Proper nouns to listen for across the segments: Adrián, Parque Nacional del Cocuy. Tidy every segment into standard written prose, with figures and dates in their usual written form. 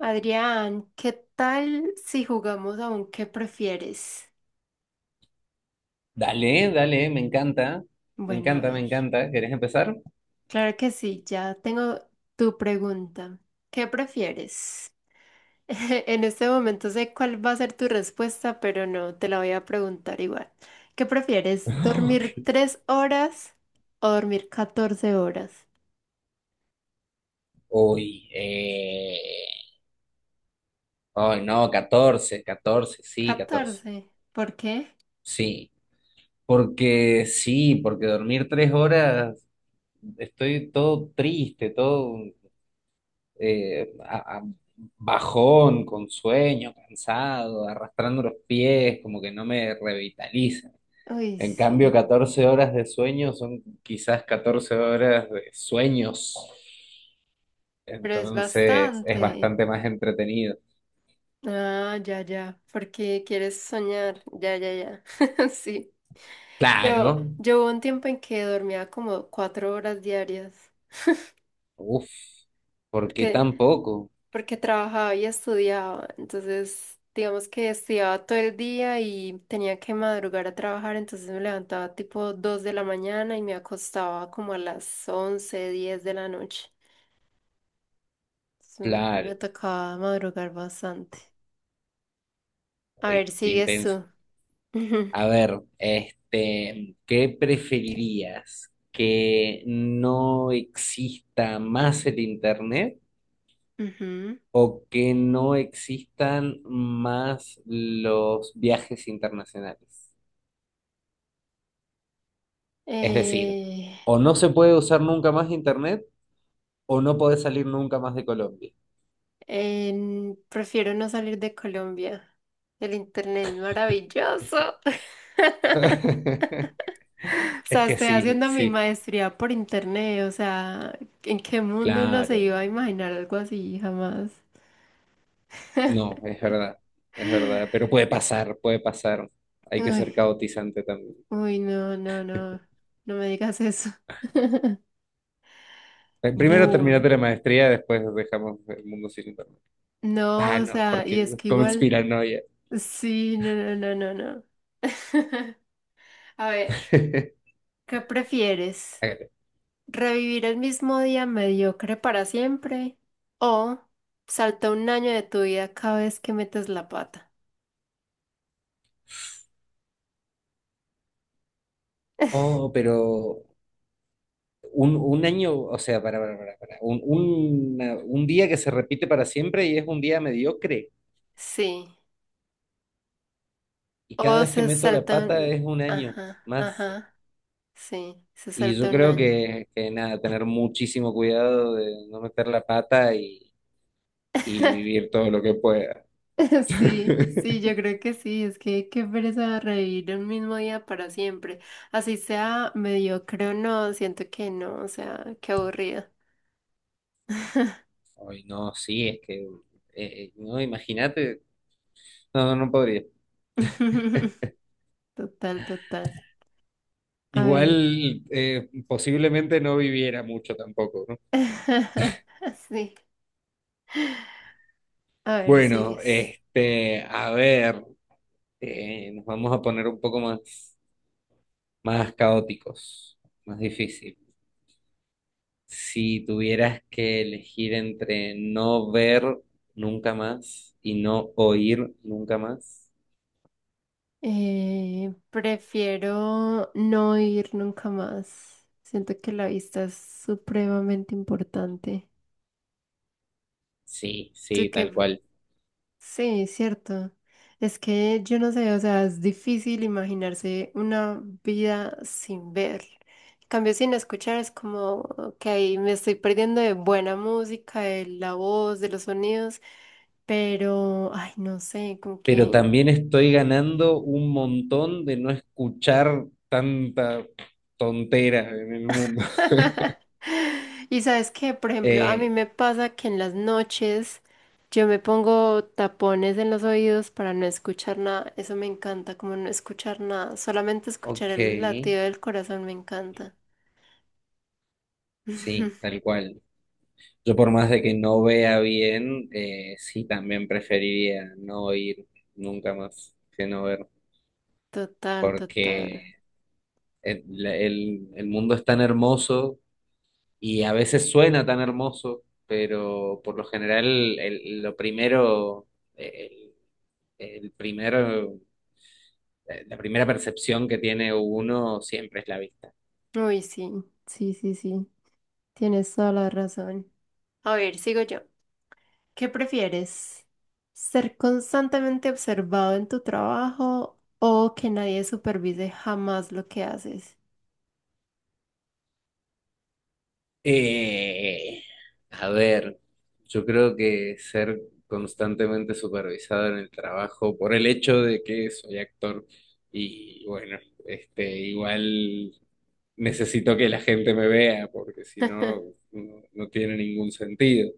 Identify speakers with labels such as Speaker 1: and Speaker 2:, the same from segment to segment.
Speaker 1: Adrián, ¿qué tal si jugamos a un qué prefieres?
Speaker 2: Dale, dale, me encanta. Me
Speaker 1: Bueno, a
Speaker 2: encanta, me
Speaker 1: ver.
Speaker 2: encanta. ¿Querés empezar?
Speaker 1: Claro que sí, ya tengo tu pregunta. ¿Qué prefieres? En este momento sé cuál va a ser tu respuesta, pero no, te la voy a preguntar igual. ¿Qué prefieres? ¿Dormir
Speaker 2: Ok.
Speaker 1: 3 horas o dormir 14 horas?
Speaker 2: Uy, Ay, no, 14, 14, sí, 14,
Speaker 1: 14. ¿Por qué?
Speaker 2: sí, porque sí, porque dormir tres horas, estoy todo triste, todo eh, a- a- bajón, con sueño, cansado, arrastrando los pies, como que no me revitaliza.
Speaker 1: Uy,
Speaker 2: En cambio,
Speaker 1: sí,
Speaker 2: 14 horas de sueño son quizás 14 horas de sueños.
Speaker 1: pero es
Speaker 2: Entonces es
Speaker 1: bastante.
Speaker 2: bastante más entretenido.
Speaker 1: Ah, ya, ya, porque quieres soñar, ya, ya, ya, sí.
Speaker 2: Claro.
Speaker 1: Yo hubo un tiempo en que dormía como 4 horas diarias,
Speaker 2: Uf, ¿por qué
Speaker 1: porque,
Speaker 2: tan poco?
Speaker 1: porque trabajaba y estudiaba, entonces digamos que estudiaba todo el día y tenía que madrugar a trabajar, entonces me levantaba tipo 2 de la mañana y me acostaba como a las 11, 10 de la noche. Entonces,
Speaker 2: Claro.
Speaker 1: me tocaba madrugar bastante. A
Speaker 2: Uy,
Speaker 1: ver,
Speaker 2: qué
Speaker 1: sigues tú.
Speaker 2: intenso. A ver, este, ¿qué preferirías? ¿Que no exista más el internet
Speaker 1: Ujú.
Speaker 2: o que no existan más los viajes internacionales? Es decir,
Speaker 1: Eh,
Speaker 2: o no se puede usar nunca más internet o no podés salir nunca más de Colombia.
Speaker 1: Prefiero no salir de Colombia. El internet es maravilloso. O
Speaker 2: Es
Speaker 1: sea,
Speaker 2: que
Speaker 1: estoy
Speaker 2: sí,
Speaker 1: haciendo mi
Speaker 2: sí,
Speaker 1: maestría por internet. O sea, ¿en qué mundo uno se
Speaker 2: claro.
Speaker 1: iba a imaginar algo así? Jamás.
Speaker 2: No, es verdad, es verdad. Pero puede pasar, puede pasar. Hay que
Speaker 1: Uy,
Speaker 2: ser caotizante también.
Speaker 1: uy, no, no, no. No me digas eso.
Speaker 2: Primero
Speaker 1: Bull.
Speaker 2: terminate la maestría, después dejamos el mundo sin internet.
Speaker 1: No,
Speaker 2: Ah,
Speaker 1: o
Speaker 2: no,
Speaker 1: sea, y
Speaker 2: porque
Speaker 1: es que igual.
Speaker 2: conspiranoia.
Speaker 1: Sí, no, no, no, no, no. A ver, ¿qué prefieres?
Speaker 2: Hágale.
Speaker 1: Revivir el mismo día mediocre para siempre o salta un año de tu vida cada vez que metes la pata.
Speaker 2: Oh, pero un año, o sea, un, un día que se repite para siempre y es un día mediocre.
Speaker 1: Sí.
Speaker 2: Y cada
Speaker 1: O
Speaker 2: vez que
Speaker 1: se
Speaker 2: meto la
Speaker 1: salta
Speaker 2: pata
Speaker 1: un...
Speaker 2: es un año
Speaker 1: Ajá,
Speaker 2: más.
Speaker 1: ajá. Sí, se
Speaker 2: Y
Speaker 1: salta
Speaker 2: yo
Speaker 1: un
Speaker 2: creo
Speaker 1: año.
Speaker 2: que, nada, tener muchísimo cuidado de no meter la pata y vivir todo lo que pueda.
Speaker 1: Sí, sí, yo creo que sí. Es que qué pereza revivir el mismo día para siempre. Así sea mediocre o no, siento que no. O sea, qué aburrido.
Speaker 2: Ay, no, sí, es que, no, imagínate, no, no podría.
Speaker 1: Total, total. A ver.
Speaker 2: Igual, posiblemente no viviera mucho tampoco, ¿no?
Speaker 1: Sí. A ver,
Speaker 2: Bueno,
Speaker 1: sigues.
Speaker 2: este, a ver, nos vamos a poner un poco más, más caóticos, más difícil. Si tuvieras que elegir entre no ver nunca más y no oír nunca más,
Speaker 1: Prefiero no ir nunca más. Siento que la vista es supremamente importante.
Speaker 2: sí,
Speaker 1: Tú
Speaker 2: sí,
Speaker 1: que...
Speaker 2: tal cual.
Speaker 1: Sí, cierto. Es que yo no sé, o sea, es difícil imaginarse una vida sin ver. En cambio, sin escuchar es como que ahí me estoy perdiendo de buena música, de la voz, de los sonidos, pero, ay, no sé, como
Speaker 2: Pero
Speaker 1: que...
Speaker 2: también estoy ganando un montón de no escuchar tanta tontera en el mundo.
Speaker 1: Y sabes que, por ejemplo, a mí
Speaker 2: Eh,
Speaker 1: me pasa que en las noches yo me pongo tapones en los oídos para no escuchar nada. Eso me encanta, como no escuchar nada. Solamente escuchar
Speaker 2: ok,
Speaker 1: el latido del corazón me encanta.
Speaker 2: sí, tal cual. Yo por más de que no vea bien, sí, también preferiría no oír nunca más que no ver,
Speaker 1: Total, total.
Speaker 2: porque... el mundo es tan hermoso y a veces suena tan hermoso, pero por lo general lo primero, el, el primero, la primera percepción que tiene uno siempre es la vista.
Speaker 1: Uy, sí, sí, sí, sí. Tienes toda la razón. A ver, sigo yo. ¿Qué prefieres? ¿Ser constantemente observado en tu trabajo o que nadie supervise jamás lo que haces?
Speaker 2: Eh, a ver, yo creo que ser constantemente supervisado en el trabajo por el hecho de que soy actor y bueno, este, igual necesito que la gente me vea, porque si no, no, no tiene ningún sentido.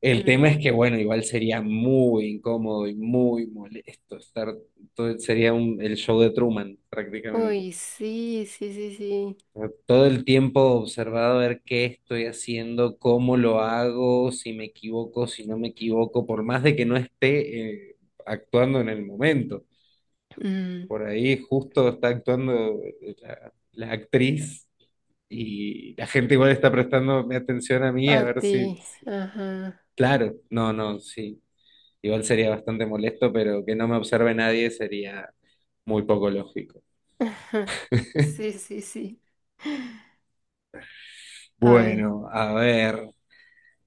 Speaker 2: El tema es
Speaker 1: Mm.
Speaker 2: que, bueno, igual sería muy incómodo y muy molesto estar, todo, sería un, el show de Truman prácticamente.
Speaker 1: Uy, sí, sí, sí, sí.
Speaker 2: O sea, todo el tiempo observado a ver qué estoy haciendo, cómo lo hago, si me equivoco, si no me equivoco, por más de que no esté actuando en el momento.
Speaker 1: Mm,
Speaker 2: Por ahí justo está actuando la actriz. Y la gente igual está prestándome atención a mí, a
Speaker 1: a
Speaker 2: ver
Speaker 1: ti,
Speaker 2: si, si-
Speaker 1: ajá.
Speaker 2: claro, no, no, sí. Igual sería bastante molesto, pero que no me observe nadie sería muy poco lógico.
Speaker 1: Ajá, sí, sí, sí. A ver.
Speaker 2: Bueno, a ver.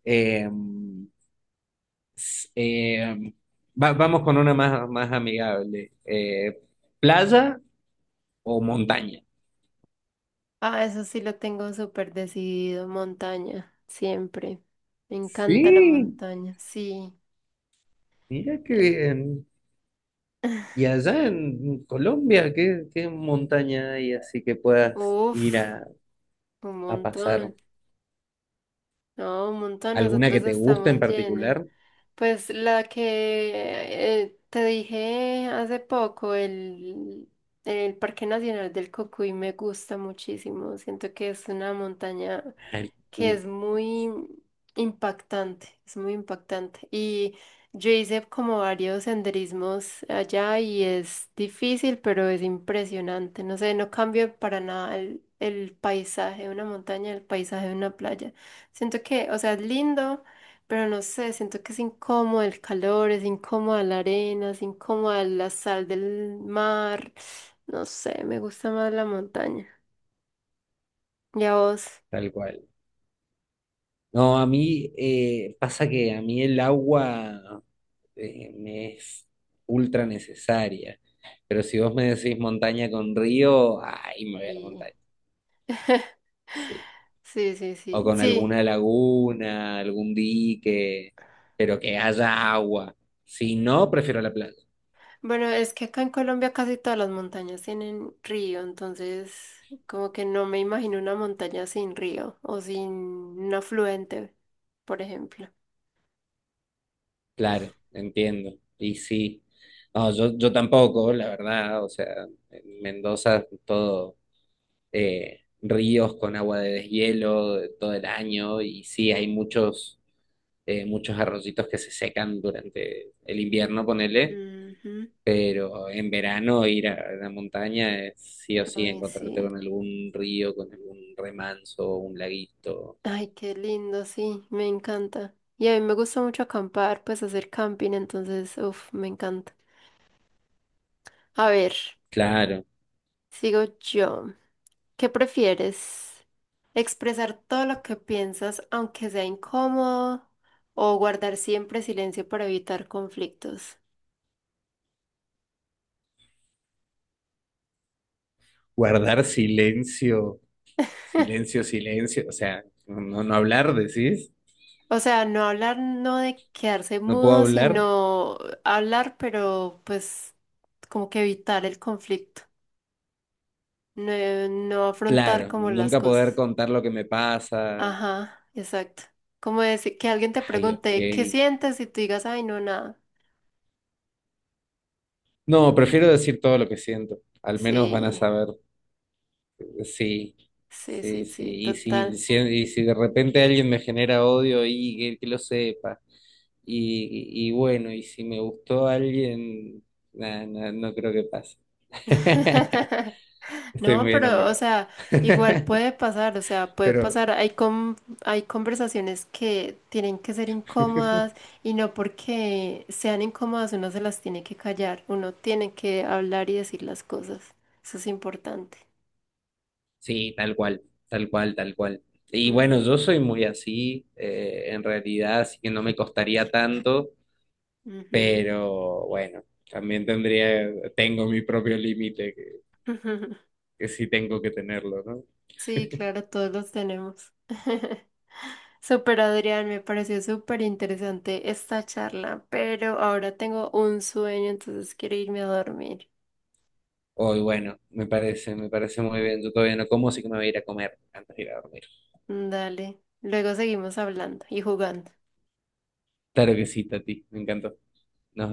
Speaker 2: eh, eh, vamos con una más, más amigable. ¿Playa o montaña?
Speaker 1: Ah, eso sí lo tengo súper decidido. Montaña, siempre. Me encanta la
Speaker 2: Sí,
Speaker 1: montaña, sí.
Speaker 2: mira qué bien. Y allá en Colombia, ¿qué, qué montaña hay así que puedas ir
Speaker 1: Uf, un
Speaker 2: a pasar?
Speaker 1: montón. No, un montón.
Speaker 2: ¿Alguna que
Speaker 1: Nosotros
Speaker 2: te guste en
Speaker 1: estamos llenos.
Speaker 2: particular?
Speaker 1: Pues la que te dije hace poco, el Parque Nacional del Cocuy me gusta muchísimo. Siento que es una montaña
Speaker 2: El
Speaker 1: que
Speaker 2: cu-
Speaker 1: es muy impactante, es muy impactante. Y yo hice como varios senderismos allá y es difícil, pero es impresionante. No sé, no cambia para nada el paisaje de una montaña, el paisaje de una playa. Siento que, o sea, es lindo, pero no sé, siento que es incómodo el calor, es incómoda la arena, es incómoda la sal del mar. No sé, me gusta más la montaña. ¿Y a vos?
Speaker 2: tal cual. No, a mí pasa que a mí el agua me es ultra necesaria. Pero si vos me decís montaña con río, ahí me voy a la
Speaker 1: Sí.
Speaker 2: montaña. Sí.
Speaker 1: Sí, sí,
Speaker 2: O
Speaker 1: sí,
Speaker 2: con
Speaker 1: sí.
Speaker 2: alguna laguna, algún dique, pero que haya agua. Si no, prefiero la playa.
Speaker 1: Bueno, es que acá en Colombia casi todas las montañas tienen río, entonces como que no me imagino una montaña sin río o sin un afluente, por ejemplo.
Speaker 2: Claro, entiendo. Y sí. No, yo, tampoco, la verdad. O sea, en Mendoza todo. Ríos con agua de deshielo de todo el año y sí, hay muchos, muchos arroyitos que se secan durante el invierno, ponele,
Speaker 1: Ujú.
Speaker 2: pero en verano ir a la montaña es sí o sí
Speaker 1: Ay,
Speaker 2: encontrarte
Speaker 1: sí.
Speaker 2: con algún río, con algún remanso, un laguito.
Speaker 1: Ay, qué lindo, sí, me encanta. Y a mí me gusta mucho acampar, pues hacer camping, entonces, uff, me encanta. A ver,
Speaker 2: Claro,
Speaker 1: sigo yo. ¿Qué prefieres? Expresar todo lo que piensas, aunque sea incómodo, o guardar siempre silencio para evitar conflictos.
Speaker 2: guardar silencio, silencio, silencio, o sea, no, no hablar, decís,
Speaker 1: O sea, no hablar, no de quedarse
Speaker 2: no puedo
Speaker 1: mudo,
Speaker 2: hablar.
Speaker 1: sino hablar, pero pues como que evitar el conflicto, no, no afrontar
Speaker 2: Claro,
Speaker 1: como las
Speaker 2: nunca poder
Speaker 1: cosas.
Speaker 2: contar lo que me pasa.
Speaker 1: Ajá, exacto. Como decir que alguien te
Speaker 2: Ay, ok.
Speaker 1: pregunte qué sientes y tú digas, ay, no, nada.
Speaker 2: No, prefiero decir todo lo que siento. Al menos van a
Speaker 1: Sí,
Speaker 2: saber sí,
Speaker 1: sí, sí,
Speaker 2: sí, sí.
Speaker 1: sí,
Speaker 2: Y si,
Speaker 1: total.
Speaker 2: si- y si de repente alguien me genera odio y que lo sepa. Y bueno, y si me gustó alguien, nah, nah, no creo que pase. Estoy
Speaker 1: No,
Speaker 2: muy
Speaker 1: pero, o
Speaker 2: enamorado.
Speaker 1: sea, igual puede pasar, o sea, puede
Speaker 2: Pero
Speaker 1: pasar. Hay conversaciones que tienen que ser incómodas y no porque sean incómodas uno se las tiene que callar, uno tiene que hablar y decir las cosas. Eso es importante.
Speaker 2: sí, tal cual, tal cual, tal cual. Y bueno, yo
Speaker 1: Ujú,
Speaker 2: soy muy así, en realidad, así que no me costaría tanto. Pero bueno, también tendría, tengo mi propio límite
Speaker 1: ujú.
Speaker 2: que sí tengo que tenerlo, ¿no?
Speaker 1: Sí, claro, todos los tenemos. Super Adrián, me pareció súper interesante esta charla, pero ahora tengo un sueño, entonces quiero irme a dormir.
Speaker 2: Hoy, bueno, me parece muy bien. Yo todavía no como, así que me voy a ir a comer antes de ir a dormir.
Speaker 1: Dale, luego seguimos hablando y jugando.
Speaker 2: Claro que sí, Tati, me encantó. Nos vemos.